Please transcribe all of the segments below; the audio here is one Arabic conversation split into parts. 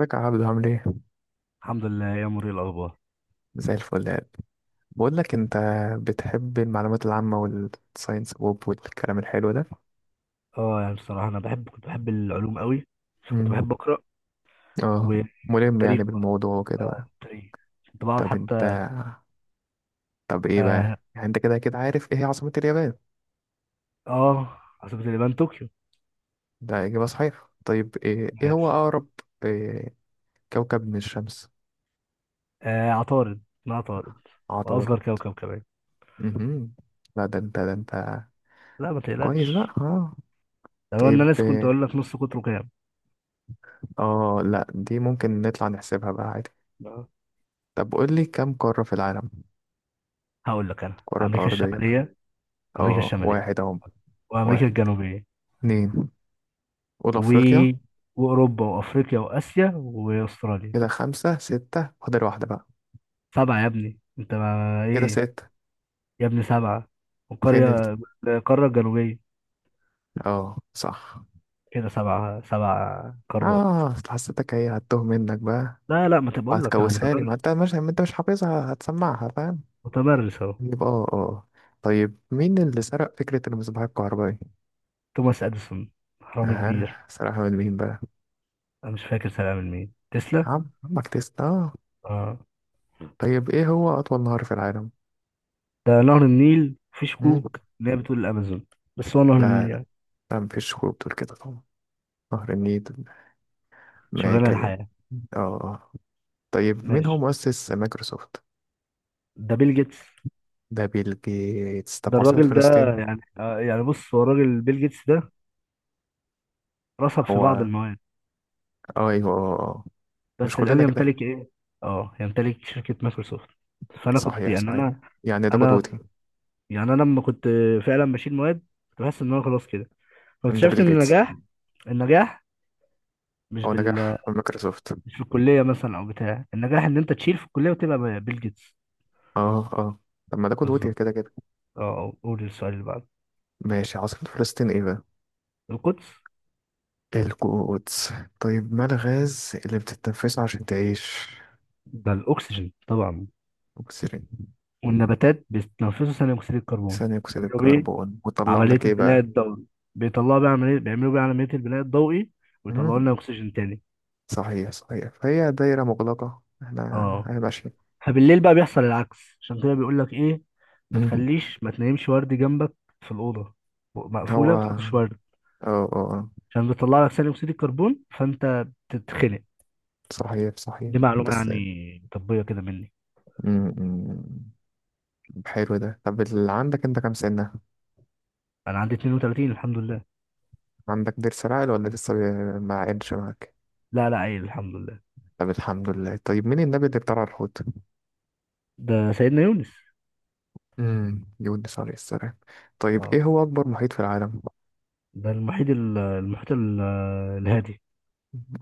ازيك يا عبدو عامل ايه؟ الحمد لله يا مري الاخبار. زي الفل يا قلبي. بقول لك انت، بتحب المعلومات العامة والساينس ووب والكلام الحلو ده؟ اه يعني بصراحه انا بحب العلوم قوي. كنت امم. بحب اقرا، اه. ملم والتاريخ يعني برضه. بالموضوع وكده اه، بقى. التاريخ. كنت بقعد طب انت حتى. طب ايه اه, بقى؟ يعني انت كده كده عارف ايه هي عاصمة اليابان؟ عاصمه اليابان طوكيو. ده إجابة صحيحة. طيب ايه هو ماشي. أقرب إيه كوكب من الشمس؟ عطارد، ما عطارد. عطارد. واصغر كوكب كمان. امم. لا ده انت. لا، ما كويس تقلقش. بقى، اه. لو انا طيب ناسي كنت إيه، اقول لك نص قطره كام. اه لا دي ممكن نطلع نحسبها بقى عادي. آه. طب قول لي كم قارة في العالم؟ هقول لك انا الكرة امريكا الأرضية بقى. الشماليه. امريكا اه الشماليه واحد اهو. وامريكا واحد، الجنوبيه اتنين، أولى و... أفريقيا. واوروبا وافريقيا واسيا واستراليا. كده خمسة ستة فاضل واحدة بقى. سبعه يا ابني، انت ما كده ايه. ستة. يا ابني سبعة. فين والقرية، القارة الجنوبية. اه صح. كده سبعة. سبع قارات. اه أصل حسيتك هي هتوه منك بقى، لا لا، ما تبقول لك أنا وهتكوسها لي، ما انت متمرس. مش ما انت مش حافظها، هتسمعها فاهم؟ متمرس أهو. يبقى اه اه. طيب مين اللي سرق فكرة المصباح الكهربائي؟ توماس أديسون، حرامي كبير. اه سرقها من مين بقى؟ أنا مش فاكر سنة من مين. تسلا. عمك تسلا، اه. آه. طيب ايه هو أطول نهر في العالم؟ ده نهر النيل، في مم؟ شكوك إن هي بتقول الأمازون، بس هو نهر لا، النيل لا، يعني. لا مفيش خروج بتقول كده طبعا. نهر النيل. شغلانة ماكايا. الحياة. اه آه. طيب مين هو ماشي. مؤسس مايكروسوفت؟ ده بيل جيتس. ده بيل جيتس. طب ده عاصمة الراجل ده. فلسطين؟ بص، هو الراجل بيل جيتس ده رصد في بعض هو المواد، اه ايوه آه، آه. مش بس الآن كلنا كده. يمتلك إيه؟ آه، يمتلك شركة مايكروسوفت. فأنا كنت صحيح يعني صحيح، أنا. يعني ده انا قدوتي. انا لما كنت فعلا بشيل مواد كنت بحس ان انا خلاص كده. ده فاكتشفت بيل ان جيتس. النجاح مش هو نجح بال-، في مايكروسوفت. مش في الكليه مثلا. او بتاع النجاح ان انت تشيل في الكليه وتبقى بيل جيتس. اه اه. طب ما ده قدوتي بالظبط. كده كده. قول السؤال اللي بعده. ماشي، عاصمة فلسطين ايه بقى؟ القدس. القدس. طيب ما الغاز اللي بتتنفسه عشان تعيش؟ ده الاكسجين طبعا. اكسجين. والنباتات بيتنفسوا ثاني اكسيد الكربون، ثاني اكسيد بيعملوا بيه الكربون، وطلع عمليه لك ايه البناء بقى؟ الضوئي. بيطلعوا بيه عمليه بيعملوا بيه عمليه البناء الضوئي، مم؟ ويطلعوا لنا اكسجين تاني. صحيح صحيح، فهي دايرة مغلقة احنا اه. احنا ماشيين. فبالليل بقى بيحصل العكس، عشان كده بيقول لك ايه: مم. ما تنامش ورد جنبك في الاوضه هو مقفوله. ما اه. تحطش ورد، اه آه. عشان بيطلع لك ثاني اكسيد الكربون، فانت بتتخنق. صحيح صحيح، دي معلومه بس يعني طبيه كده مني. مم، مم. حلو ده. طب اللي عندك انت كام سنة؟ انا عندي 32، الحمد لله. عندك ضرس العقل ولا لسه ما عينش معاك؟ لا لا، عيل الحمد لله. طب الحمد لله. طيب مين النبي اللي ابتلع الحوت؟ ده سيدنا يونس. يونس عليه السلام. طيب اه، ايه هو أكبر محيط في العالم؟ ده المحيط المحيط الهادي.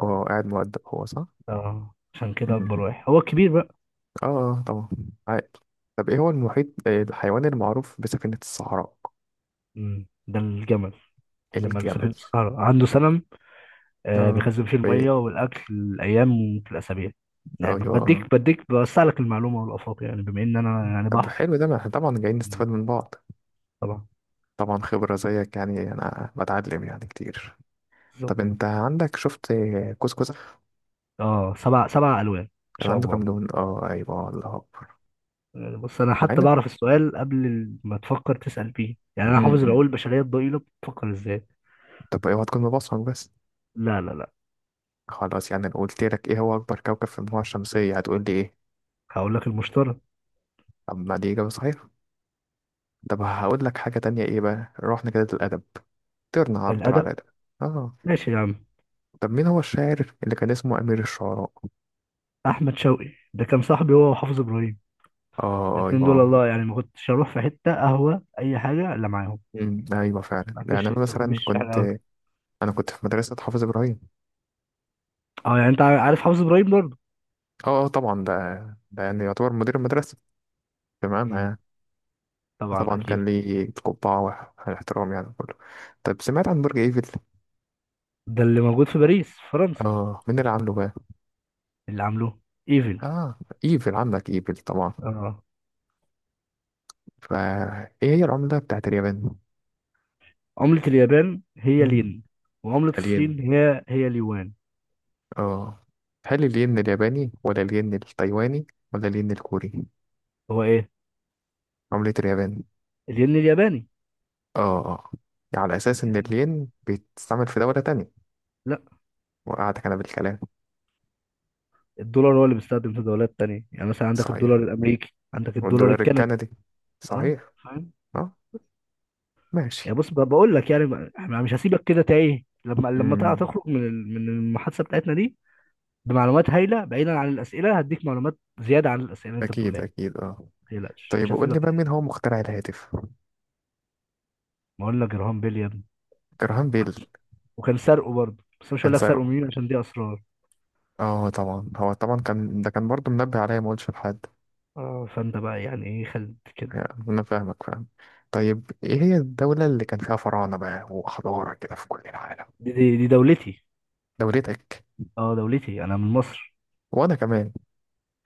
هو قاعد مؤدب هو، صح؟ اه، عشان كده مم. اكبر واحد هو الكبير بقى. اه آه، طبعا. عاقل. طب ايه هو المحيط آه، الحيوان المعروف بسفينة الصحراء؟ مم. ده الجمل. جمل سفينة الجمل. الصحراء عنده سنة. آه، اه. بيخزن فيه المية طيب والأكل الأيام في الأسابيع. يعني ايوه اه. بديك بوسع لك المعلومة والآفاق، يعني بما إن أنا يعني طب بحر. حلو ده، ما احنا طبعا جايين نستفاد من بعض. طبعا. طبعا خبرة زيك، يعني انا بتعلم يعني كتير. بالظبط. طب انت عندك شفت كوسكوس؟ أه، سبع ألوان إن كان شاء عنده كام الله. لون؟ اه ايوه، الله اكبر. يعني بص، أنا مع حتى ان كنت بعرف السؤال قبل ما تفكر تسأل فيه. يعني أنا حافظ م-م. العقول البشرية الضئيلة بتفكر إزاي. طب اوعى تكون مبصم بس. لا لا لا. خلاص يعني لو قلت لك ايه هو اكبر كوكب في المجموعة الشمسية، هتقول لي ايه؟ هقول لك المشترى. طب ما دي اجابة صحيحة. طب هقول لك حاجة تانية، ايه بقى رحنا كده للادب. طيرنا عرض على الأدب. الادب. اه. ماشي يا عم. طب مين هو الشاعر اللي كان اسمه امير الشعراء؟ أحمد شوقي ده كان صاحبي، هو وحافظ إبراهيم. اه الاتنين دول، ايوه. الله، يعني ما كنتش أروح في حتة قهوة أي حاجة إلا معاهم. مم. ايوه فعلا، ما يعني بحبش ما بحبش الشعر أوي. انا كنت في مدرسه حافظ ابراهيم. اه، يعني انت عارف حافظ ابراهيم برضه. اه اه طبعا، ده يعني يعتبر مدير المدرسه، تمام مم. يعني. طبعا طبعا كان اكيد. لي قبعه واحترام يعني كله. طب سمعت عن برج ايفل؟ ده اللي موجود في باريس في فرنسا. اه مين اللي عامله بقى؟ اللي عاملوه ايفل. اه ايفل. عندك ايفل طبعا. اه. فايه هي العمله بتاعت اليابان؟ عملة اليابان هي مم. الين. وعملة الين. الصين هي اليوان. اه. هل الين الياباني ولا الين التايواني ولا الين الكوري؟ هو ايه؟ عمله اليابان. الين الياباني. اه اه. على اساس ان الين بيتستعمل في دوله تانية. لا. وقعتك أنا بالكلام. الدولار هو اللي بيستخدم في دولات تانية. يعني مثلا عندك الدولار صحيح. الامريكي، عندك الدولار والدولار الكندي. الكندي. اه، صحيح. فاهم. أه ماشي. يعني بص، بقول لك يعني احنا مش هسيبك كده تايه، لما امم. تخرج من من المحادثه بتاعتنا دي بمعلومات هايله. بعيدا عن الاسئله هديك معلومات زياده عن الاسئله اللي انت أكيد بتقولها. أكيد، أه. تقلقش طيب مش قول لي بقى هسيبك. مين هو مخترع الهاتف؟ ما اقول لك جراهام بيل يا ابني. جراهام بيل. وكان وكان سرقه برضه، بس مش هقول كان لك سرقه سرقه. مين، عشان دي اسرار. اه طبعا، هو طبعا كان، ده كان برضه منبه عليا ما اقولش لحد. اه، فانت بقى يعني ايه خلت كده. يعني انا فاهمك، فاهم. طيب ايه هي الدولة اللي كان فيها فراعنة بقى وحضارة كده في كل العالم؟ دي دولتي. دولتك. اه، دولتي، انا من مصر. وانا كمان.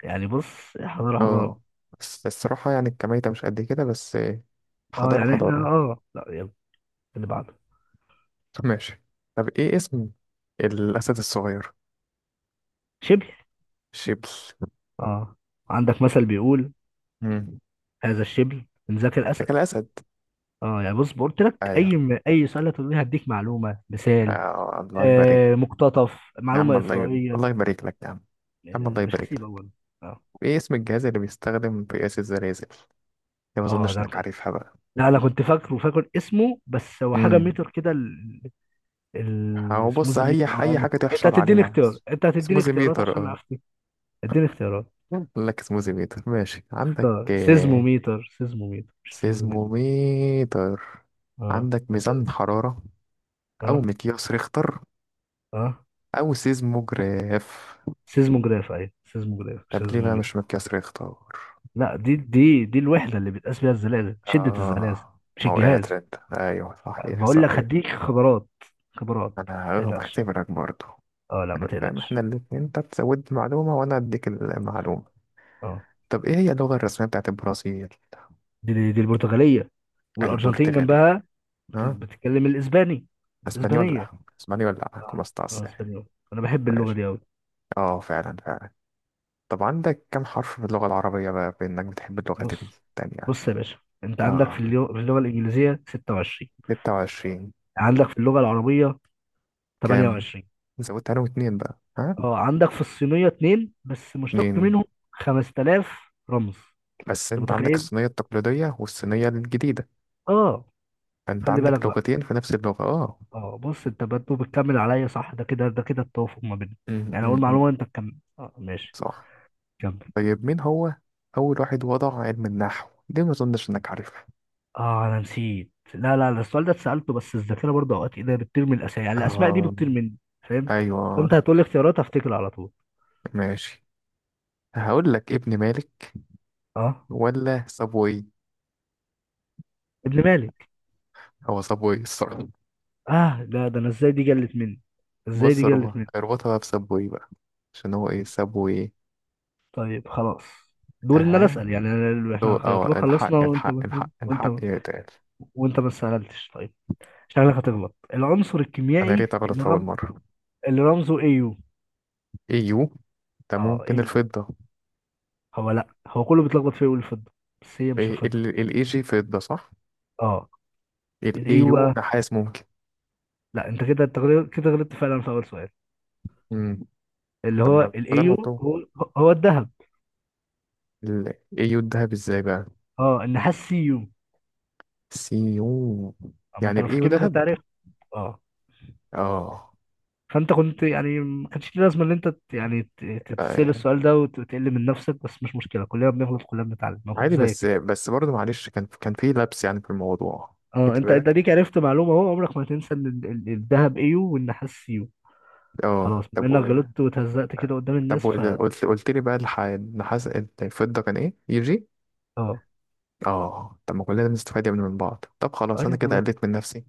يعني بص، حضاره حضاره. اه بس الصراحة يعني الكمية مش قد كده بس. اه حضارة يعني احنا حضارة. لا، يلا اللي بعده. طب ماشي. طب ايه اسم الأسد الصغير؟ شبل. شبل. اه. عندك مثل بيقول: مم. هذا الشبل من ذاك الاسد. شكل أسد. اه، يعني بص قلت لك أيوه. اي سؤال هتقول لي هديك معلومه مثال. آه الله يبارك. آه، مقتطف يا عم معلومه الله يبارك. اسرائيليه. الله يبارك لك يا عم. يا عم يعني الله مش يبارك هسيب لك. اول. اه ايه اسم الجهاز اللي بيستخدم في قياس الزلازل؟ يا ما اه اظنش ده. انك عارفها بقى. لا، انا كنت فاكر اسمه. بس هو حاجه مم. ميتر كده. هو بص، السموزي هي ميتر او اي أما. حاجه تحشر عليها. انت هتديني سموزي اختيارات ميتر، عشان اه. افتي. اديني اختيارات. قال لك سموزي ميتر ماشي. عندك اختار آه، سيزموميتر. سيزموميتر مش سموزي ميتر. سيزموميتر. اه. عندك أنت- ميزان حراره، او اه. مقياس ريختر، اه، أو سيز مجرف. سيزموجراف، ايوه سيزموجراف مش طب ليه بقى مش سيزموميتر. متكسر يختار؟ لا، دي الوحده اللي بتقاس بيها الزلازل، شده الزلازل. آه مش ما وقعت الجهاز. رد، أيوه صحيح بقول لك صحيح. هديك خبرات. خبرات، ما أنا تقلقش. بختبرك برضه. اه لا، ما فاهم، إحنا تقلقش. الاتنين، أنت بتزود معلومة وأنا أديك المعلومة. اه. طب إيه هي اللغة الرسمية بتاعت البرازيل؟ دي البرتغاليه. والارجنتين البرتغالي. جنبها ها. بتتكلم الاسباني. اسبانيولا. اسبانيه. اسبانيولا. كما اه استاس. اسبانيول. انا بحب اللغه ماشي. دي قوي. اه فعلا فعلا. طب عندك كم حرف في اللغة العربية بقى، بإنك بتحب اللغات بص، التانية؟ بص يا باشا، انت عندك في اه، اللغه الانجليزيه 26. 26. عندك في اللغه العربيه كام؟ 28. زودت عليهم اتنين بقى، ها. اه، عندك في الصينيه اتنين بس مشتق اتنين. منهم 5000 رمز. بس انت انت عندك متخيل؟ الصينية التقليدية والصينية الجديدة، اه، فانت خلي بالك عندك بقى. لغتين في نفس اللغة، اه. اه، بص انت برضه بتكمل عليا صح. ده كده ده كده التوافق ما بيننا. م- يعني اقول م- م. معلومه انت تكمل. اه، ماشي. صح. كمل. طيب مين هو أول واحد وضع علم النحو؟ ليه ما أظنش إنك عارفه؟ اه، انا نسيت. لا لا لا، السؤال ده اتسالته، بس الذاكره برضه اوقات ايه، ده بتطير من الاسامي. يعني الاسماء دي آه. بتطير مني، فاهم؟ أيوه. فانت هتقول لي اختيارات هفتكر على طول. ماشي. هقول لك ابن مالك، اه، ولا سابوي؟ ابن مالك. هو سابوي الصراحة. اه. ده انا ازاي دي جلت مني. ازاي بص، دي جلت مني. اربطها بقى بسابوي بقى، عشان هو ايه سابوي. طيب خلاص. دوري ان انا اها. اسال. يعني هو احنا يعتبر خلصنا، الحق الحق الحق وانت الحق ما يا تقال. وانت ما سالتش. طيب، شكلك هتغلط. العنصر انا ليه الكيميائي غلط اللي في اول مرة؟ اللي رمزه ايو. يو. ده اه، ممكن ايو. الفضة. هو، لا هو كله بيتلخبط فيه يقول الفضه، بس هي مش إيه، الفضه. ال جي فضة صح. اه، ال الايو. يو نحاس ممكن. لا، انت كده غلطت فعلا في اول سؤال. امم. اللي طب هو ما بدل ما الايو. تطور. هو هو الذهب. ال يو الذهب ازاي بقى؟ اه، النحاس سيو. سي يو. اما يعني انت لو ال في يو الكيمياء كنت ذهب. عارف. اه، اه. فانت كنت يعني ما كانش ليه لازمه ان انت تسال آه. السؤال ده وتقل من نفسك. بس مش مشكله، كلنا بنغلط، كلنا بنتعلم. انا كنت عادي، زيك بس كده. بس برضه معلش، كان في لبس يعني في الموضوع. اه، خدت انت بالك. ليك عرفت معلومه اهو. عمرك ما هتنسى ان الذهب ايو والنحاس سيو. اه خلاص، طب بما انك غلطت وتهزقت كده قدام طب الناس، ف... وإذا قلت لي بقى النحاس، الفضة كان ايه يجي؟ اه، اه، طب ما كلنا بنستفاد يا ابني من بعض. طب خلاص انا ايوه كده طبعا. قلت من نفسي.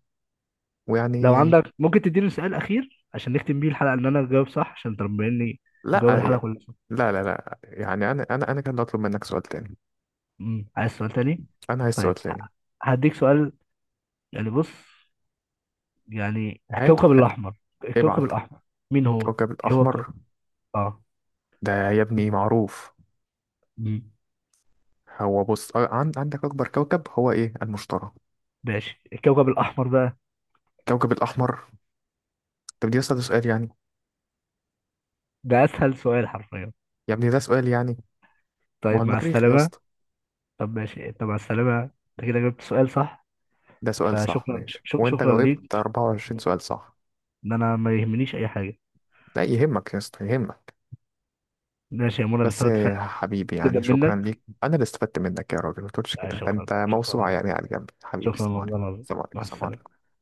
لو ويعني، عندك ممكن تديني سؤال اخير عشان نختم بيه الحلقه، ان انا اجاوب صح عشان تربيني. مجاوب لا الحلقه كلها صح. لا لا لا، يعني انا كان اطلب منك سؤال تاني. مم. عايز سؤال تاني؟ انا عايز سؤال طيب تاني. هديك سؤال. يعني بص، يعني هاته الكوكب هاته. الاحمر. الكوكب ابعت. الاحمر مين هو؟ كوكب ايه هو الكوكب؟ الاحمر. اه. ده يا ابني معروف. مم. هو بص آه، عندك اكبر كوكب هو ايه؟ المشتري. ماشي، الكوكب الاحمر بقى. كوكب الاحمر. طب دي اسال سؤال يعني. ده اسهل سؤال حرفيا. يا ابني ده سؤال يعني. ما هو طيب مع المريخ يا السلامه. اسطى. طب ماشي، انت مع السلامه، انت كده جبت سؤال صح. ده سؤال صح فشكرا، ماشي، وانت شكرا ليك. جاوبت 24 سؤال صح. ان انا ما يهمنيش اي حاجه. لا يهمك يا اسطى، يهمك. ماشي يا منى، انا بس استفدت آه، فعلا حبيبي جدا يعني شكرا منك. ليك، انا اللي استفدت منك يا راجل. ما تقولش آه، كده، ده شكرا انت موسوعه شكرا. يعني، على الجنب حبيبي. شكرا السلام والله عليكم، العظيم. السلام عليكم، مع السلام السلامة. عليكم.